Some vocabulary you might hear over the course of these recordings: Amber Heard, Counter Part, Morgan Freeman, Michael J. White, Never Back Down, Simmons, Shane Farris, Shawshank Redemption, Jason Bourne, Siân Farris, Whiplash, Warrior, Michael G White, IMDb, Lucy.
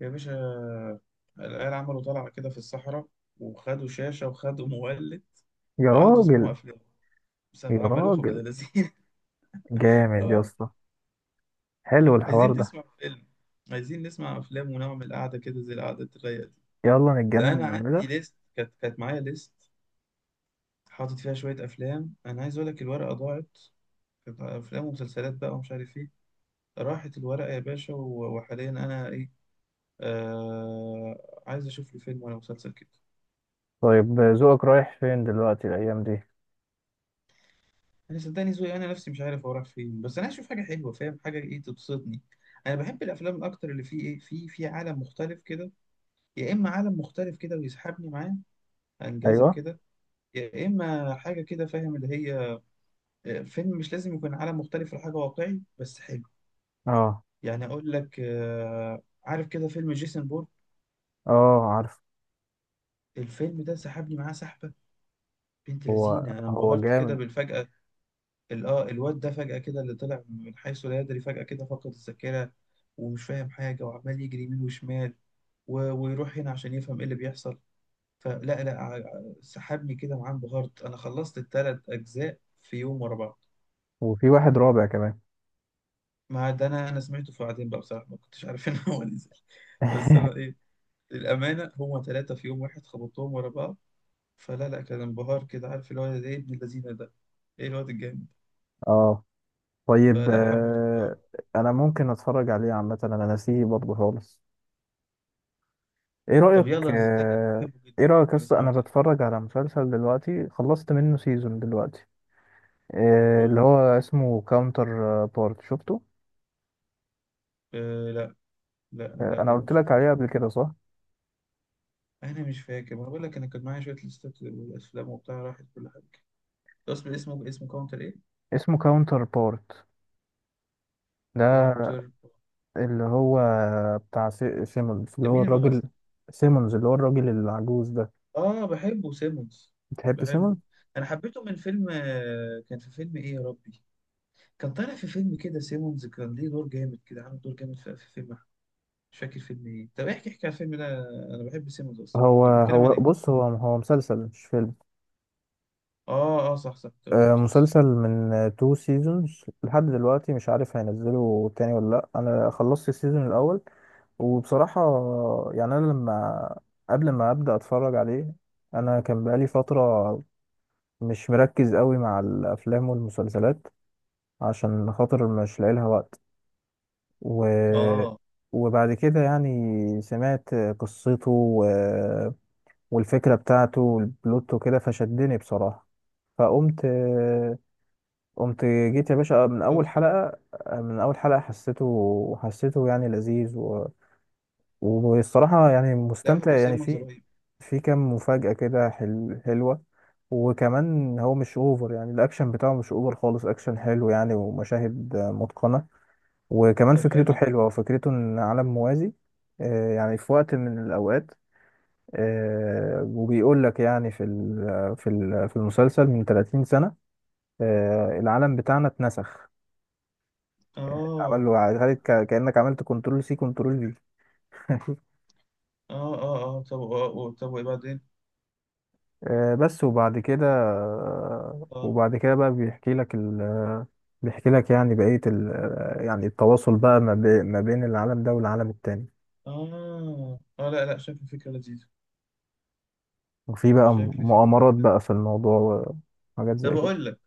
يا باشا، العيال عملوا طلعة كده في الصحراء، وخدوا شاشة وخدوا مولد، يا وقعدوا يسمعوا راجل. أفلام، بس يا عملوها ولاد راجل، لذين. جامد يا اه، اسطى. حلو الحوار عايزين ده. نسمع فيلم، عايزين نسمع أفلام ونعمل قعدة كده زي القعدة الرايقة دي. يلا ده نتجنن أنا عندي نعملها. ليست، كانت معايا ليست حاطط فيها شوية أفلام. أنا عايز أقول لك الورقة ضاعت، كانت أفلام ومسلسلات بقى ومش عارف إيه. راحت الورقة يا باشا، و- وحاليا أنا إيه، عايز أشوف لي فيلم ولا مسلسل كده. طيب، ذوقك رايح فين دلوقتي الايام دي؟ انا صدقني ذوقي، انا نفسي مش عارف هو رايح فين، بس انا هشوف حاجه حلوه، فاهم؟ حاجه ايه؟ تبسطني. انا بحب الافلام اكتر اللي فيه ايه، في عالم مختلف كده. يا اما عالم مختلف كده ويسحبني معاه، انجذب ايوه. كده. يا اما حاجه كده فاهم اللي هي. فيلم مش لازم يكون عالم مختلف ولا حاجه، واقعي بس حلو. اه. يعني اقول لك، عارف كده فيلم جيسون بورن؟ اه، عارف. الفيلم ده سحبني معاه سحبه، بنت هو لذينه. انا هو انبهرت كده جامد. بالفجأة. الواد ده فجأة كده، اللي طلع من حيث لا يدري، فجأة كده فقد الذاكرة، ومش فاهم حاجة وعمال يجري يمين وشمال، و- ويروح هنا عشان يفهم ايه اللي بيحصل. فلا لا، سحبني كده معاه. انبهرت، انا خلصت الثلاث اجزاء في يوم ورا بعض. وفي واحد رابع كمان. ما ده انا سمعته في بعدين بقى بصراحة، ما كنتش عارف ان هو نزل. بس انا ايه، للأمانة هما ثلاثة في يوم واحد خبطتهم ورا بعض. فلا لا، كان انبهار كده. عارف الواد ده ايه؟ ابن اللذينة ده، ايه الواد الجامد. اه. طيب، فلا حبيته. انا ممكن اتفرج عليه عامه، انا ناسيه برضه خالص. ايه طب رايك؟ يلا، انا صدقني بحبه جدا. ايه رايك يا كان اسطى؟ اسمعه انا تاني. بتفرج على مسلسل دلوقتي، خلصت منه سيزون دلوقتي. اللي قول. هو اسمه كاونتر بارت، شفته؟ آه لا، لا لا انا ده ما قلت لك شفتوش. عليه قبل كده، صح؟ انا مش فاكر. ما أنا بقول لك انا كان معايا شويه ليستات والافلام وبتاع، راحت كل حاجه. اصل اسمه كاونتر ايه؟ اسمه كاونتر بارت ده، كاونتر. اللي هو بتاع سيمونز، اللي هو مين الراجل. الممثل؟ سيمونز اللي هو الراجل العجوز ده. اه، بحبه سيمونز، بتحب بحبه. سيمونز؟ انا حبيته من فيلم، كان في فيلم ايه يا ربي. كان طالع في فيلم كده، سيمونز كان ليه دور جامد كده، عامل دور جامد في فيلم. مش فاكر فيلم ايه. طب احكي احكي على الفيلم ده، انا بحب سيمونز اصلا. هو ده بيتكلم عن هو ايه؟ بص، هو مسلسل مش فيلم. اه اه، صح صح، قلت مسلسل. مسلسل من تو سيزونز لحد دلوقتي، مش عارف هينزله تاني ولا لا. انا خلصت السيزون الاول، وبصراحة يعني أنا لما قبل ما أبدأ أتفرج عليه، أنا كان بقالي فترة مش مركز قوي مع الأفلام والمسلسلات عشان خاطر مش لاقي لها وقت. و... اه وبعد كده يعني سمعت قصته، والفكرة بتاعته والبلوت وكده فشدني بصراحة. فقمت قمت، جيت يا باشا من أول شفته. حلقة. من أول حلقة حسيته يعني لذيذ. و... والصراحة يعني لا، مستمتع هو يعني، سيمونز في رهيب. في كام مفاجأة كده حلوة. وكمان هو مش اوفر، يعني الاكشن بتاعه مش اوفر خالص، اكشن حلو يعني، ومشاهد متقنة. وكمان طب فكرته حلو. حلوة، وفكرته إن عالم موازي. يعني في وقت من الأوقات، وبيقول لك يعني في المسلسل من 30 سنة العالم بتاعنا اتنسخ. عمل اه له، عملت كأنك عملت كنترول سي كنترول في. اه اه اه، طب، طب وايه بعدين؟ بس. وبعد كده، اه وبعد كده بقى بيحكي لك بيحكي لك يعني بقية ال... آه، يعني التواصل بقى ما بين العالم ده والعالم التاني. اه اه، لا لا، شكل فكرة لذيذة. وفي بقى شكل فكرة مؤامرات لذيذة. بقى في الموضوع، وحاجات طب زي اقول لك،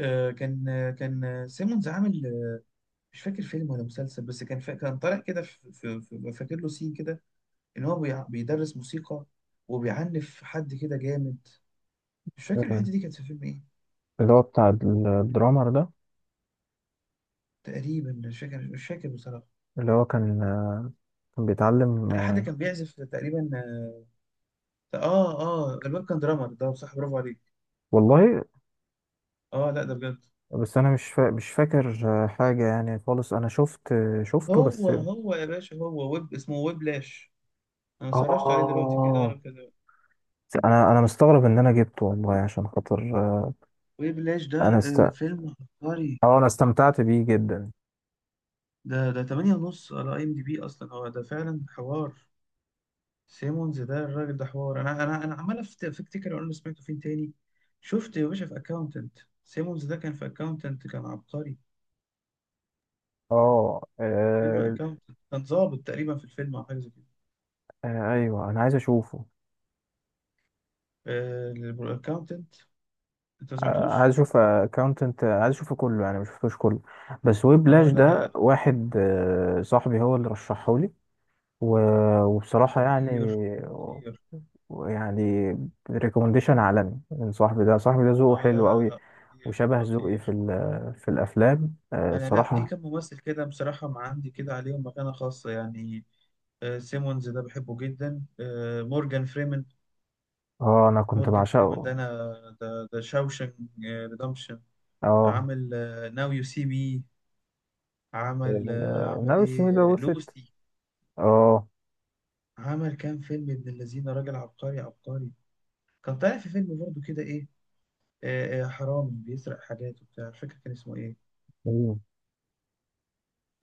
كان، كان، سيمونز عامل، مش فاكر فيلم ولا مسلسل، بس كان طالع كده فاكر له سين كده، ان هو بيدرس موسيقى وبيعنف حد كده جامد. مش فاكر الحتة كده، دي كانت في فيلم ايه. اللي هو بتاع الدرامر ده، تقريبا مش فاكر بصراحة. اللي هو كان كان بيتعلم لا، حد كان بيعزف تقريبا. اه اه، الواد كان درامر ده، صح، برافو عليك. والله. اه لا ده بجد. بس انا مش فاكر حاجه يعني خالص. انا شفت شفته بس. هو يا باشا، هو ويب، اسمه ويبلاش. انا سرشت عليه دلوقتي كده، وانا اه، كده، انا مستغرب ان انا جبته والله، عشان خاطر ويبلاش ده انا است... فيلم عبقري. اه انا استمتعت بيه جدا. ده 8 ونص على IMDB، اصلا هو ده فعلا حوار. سيمونز ده الراجل ده حوار. انا عمال افتكر اقول له، سمعته فين تاني؟ شفت يا باشا في اكاونتنت، سيمونز ده كان في اكاونتنت كان عبقري. اه. فيلم اكاونتنت، كان ظابط تقريبا في الفيلم او حاجه زي كده، ايوه، انا عايز اشوفه. الاكاونتنت. انت ما سمعتوش؟ عايز اشوف اكاونتنت، عايز اشوفه كله يعني، مش شفتوش كله. بس اه ويبلاش لا لا ده لا، واحد صاحبي هو اللي رشحه لي. وبصراحة يعني، خطير خطير. يعني ريكومنديشن عالمي من صاحبي ده. صاحبي ده ذوقه اه لا حلو لا لا قوي، لا، خطير وشبه ذوقي خطير. في الافلام انا، لا، في صراحة. كم ممثل كده بصراحه ما عندي كده عليهم مكانه خاصه يعني. سيمونز ده بحبه جدا. مورجان فريمن. اه، انا كنت مورجان فريمن ده بعشقه. انا، ده شاوشنج ريدمشن. اه. عمل ناو يو سي مي. عمل النبي السمين ده، ايه، وصلت. لوسي. اه. عمل كام فيلم، ابن الذين، راجل عبقري عبقري. كان طالع في فيلم برضه كده ايه. حرامي بيسرق حاجات وبتاع، مش فاكر كان اسمه ايه. مم.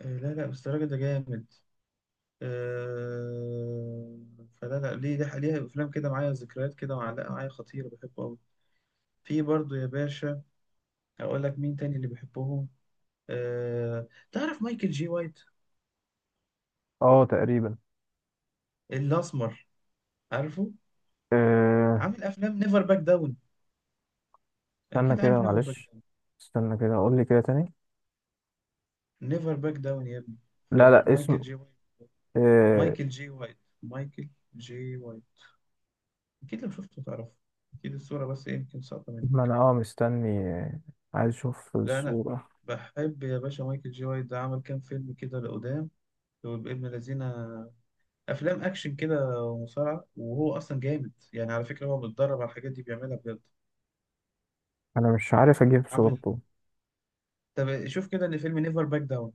لا لا، بس الراجل ده جامد. آه، فلا لا، ليه ده ليها افلام كده معايا، ذكريات كده معلقه معايا خطيره، بحبه قوي. في برضو يا باشا، اقول لك مين تاني اللي بحبهم؟ أه، تعرف مايكل جي وايت؟ اه، تقريبا. الاسمر، عارفه؟ آه، عامل افلام نيفر باك داون. استنى اكيد عارف كده نيفر باك معلش. داون. استنى كده، اقول لي كده تاني. نيفر باك داون يا ابني، لا لا، اسم. مايكل جي وايت، آه، مايكل جي وايت، مايكل جي وايت. اكيد لو شفته تعرفه، اكيد الصوره، بس إيه، يمكن ساقطه ما منك. انا اه مستني عايز اشوف لا انا، الصورة. بحب يا باشا مايكل جي وايت ده، عمل كام فيلم كده لقدام. هو ابن الذين، افلام اكشن كده ومصارعه، وهو اصلا جامد يعني، على فكره هو بيتدرب على الحاجات دي، بيعملها بجد. انا مش عارف اجيب عمل صورته. طب شوف كده، ان فيلم نيفر باك داون،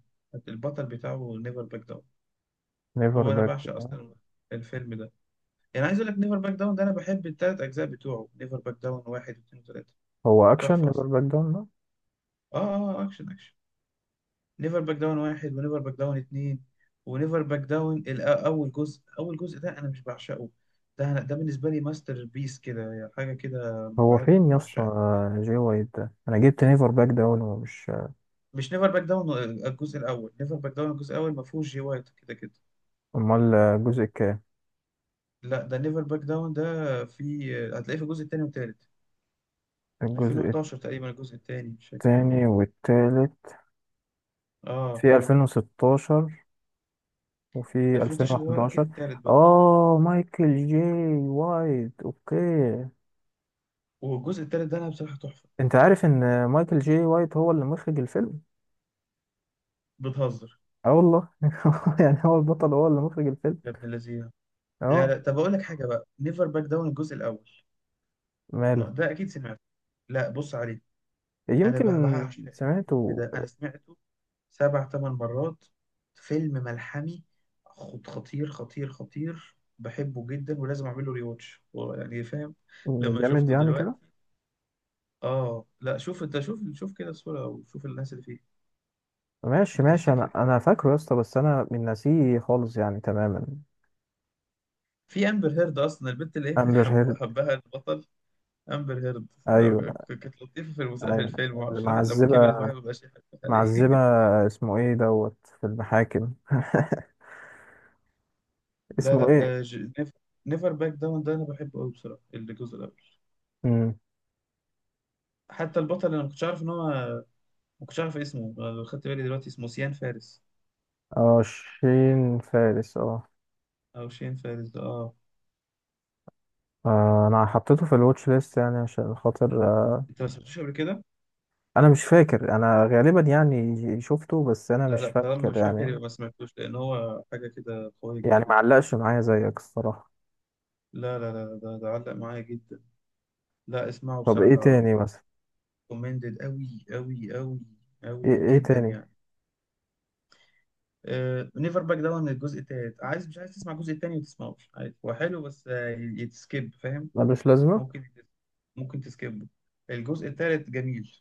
البطل بتاعه نيفر باك داون، نيفر هو انا باك بعشق داون. اصلا الفيلم ده. يعني عايز اقول لك، نيفر باك داون ده انا بحب الثلاث اجزاء بتوعه، نيفر باك داون واحد واثنين وثلاثه. هو اكشن تحفه نيفر اصلا. باك داون ده؟ اه اه، اكشن اكشن. نيفر باك داون واحد، ونيفر باك داون اتنين، ونيفر باك داون اول جزء، اول جزء ده انا مش بعشقه. ده أنا، ده بالنسبه لي ماستر بيس كده يعني، حاجه كده هو مرعبه فين يا اسطى بعشقها. جي وايت ده؟ انا جبت نيفر باك داون ومش... مش نيفر باك داون الجزء الاول. نيفر باك داون الجزء الاول ما فيهوش جي وايت كده كده. امال الجزء كام؟ لا ده نيفر باك داون ده، في هتلاقيه في الجزء التاني والتالت. الجزء 2011 تقريبا الجزء التاني، مش فاكر والله. التاني والتالت. اه، في 2016 وفي 2011 ده هو اكيد 2011. التالت بقى، اه، مايكل جي وايت. اوكي. والجزء التالت ده انا بصراحه تحفه. انت عارف ان مايكل جي وايت هو اللي مخرج الفيلم؟ بتهزر؟ اه والله يعني هو البطل هو اللي مخرج الفيلم. يا ابن اللذينه. لا اه. لا، طب اقول لك حاجه بقى، نيفر باك داون الجزء الاول، ما ماله؟ ده اكيد سمعته. لا بص عليه، انا يمكن بعشق الفيلم سمعته. ده، انا سمعته سبع ثمان مرات. فيلم ملحمي، خطير خطير خطير، بحبه جدا، ولازم اعمل له ري واتش يعني، فاهم؟ لما جامد شفته يعني كده. دلوقتي. اه لا، شوف انت، شوف شوف كده الصوره وشوف الناس اللي فيه، ماشي، ماشي. انا هتفتكر. انا فاكره يا اسطى، بس انا من ناسيه خالص يعني تماما. في امبر هيرد اصلا، البنت اللي هي كان امبر حبو هيرد. حبها البطل، امبر هيرد. ايوه. كانت لطيفه في في ايوه. الفيلم، معرفش الواحد لما كبرت معذبه، واحد مبقاش يحبها ليه. معذبه. اسمه ايه دوت في المحاكم لا اسمه لا، ايه؟ نيفر باك داون ده انا بحبه قوي بصراحه، الجزء الاول. امم حتى البطل انا ما كنتش عارف ان هو، ما كنتش عارف اسمه. أنا خدت بالي دلوقتي اسمه سيان فارس، اه، شين فارس. اه. او شين فارس ده. اه، انا حطيته في الواتش ليست يعني، عشان خاطر انت ما سمعتوش قبل كده؟ انا مش فاكر. انا غالبا يعني شفته بس انا لا مش لا، طالما فاكر مش فاكر يعني. يبقى ما سمعتوش، لان هو حاجه كده قويه يعني جدا. معلقش معايا زيك الصراحه. لا لا لا، ده علق معايا جدا. لا اسمعه طب ايه بصراحه. تاني مثلا؟ كومندد قوي قوي قوي، ايه قوي ايه جدا تاني؟ يعني. نيفر باك داون الجزء التالت، عايز مش عايز تسمع الجزء التاني، ما تسمعوش عادي، هو حلو بس يتسكيب فاهم. ملوش لازمه. ممكن ممكن تسكبه. الجزء الثالث جميل،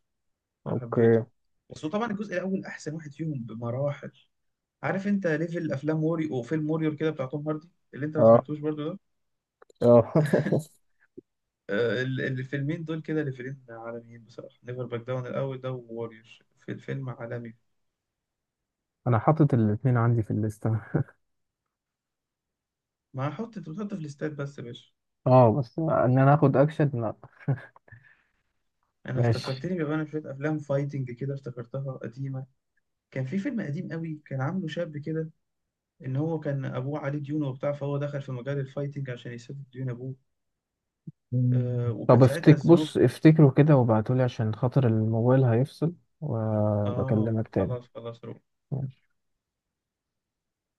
انا حبيته. اوكي. بس هو طبعا الجزء الاول احسن واحد فيهم بمراحل. عارف انت ليفل افلام ووري او فيلم ووريور كده بتاع توم هاردي، اللي انت ما اه. سمعتوش برضو ده. اه الفيلمين دول كده ليفلين عالميين بصراحه، نيفر باك داون الاول ده، ووريور، في الفيلم عالمي. انا حاطط الاتنين عندي في الليستة. ما هحط، انت بتحط في الاستاد بس يا باشا. اه بس ان انا اخد اكشن لا. انا ماشي. افتكرتني بيبقى انا شويه افلام فايتنج كده، افتكرتها قديمه. كان في فيلم قديم قوي، كان عامله شاب كده، ان هو كان ابوه عليه ديون وبتاع، فهو دخل في مجال الفايتنج عشان يسدد ديون ابوه. وكان طب ساعتها افتك، الذنوب. بص افتكروا كده وابعتولي عشان خاطر الموبايل هيفصل، اه، وبكلمك خلاص تاني. خلاص.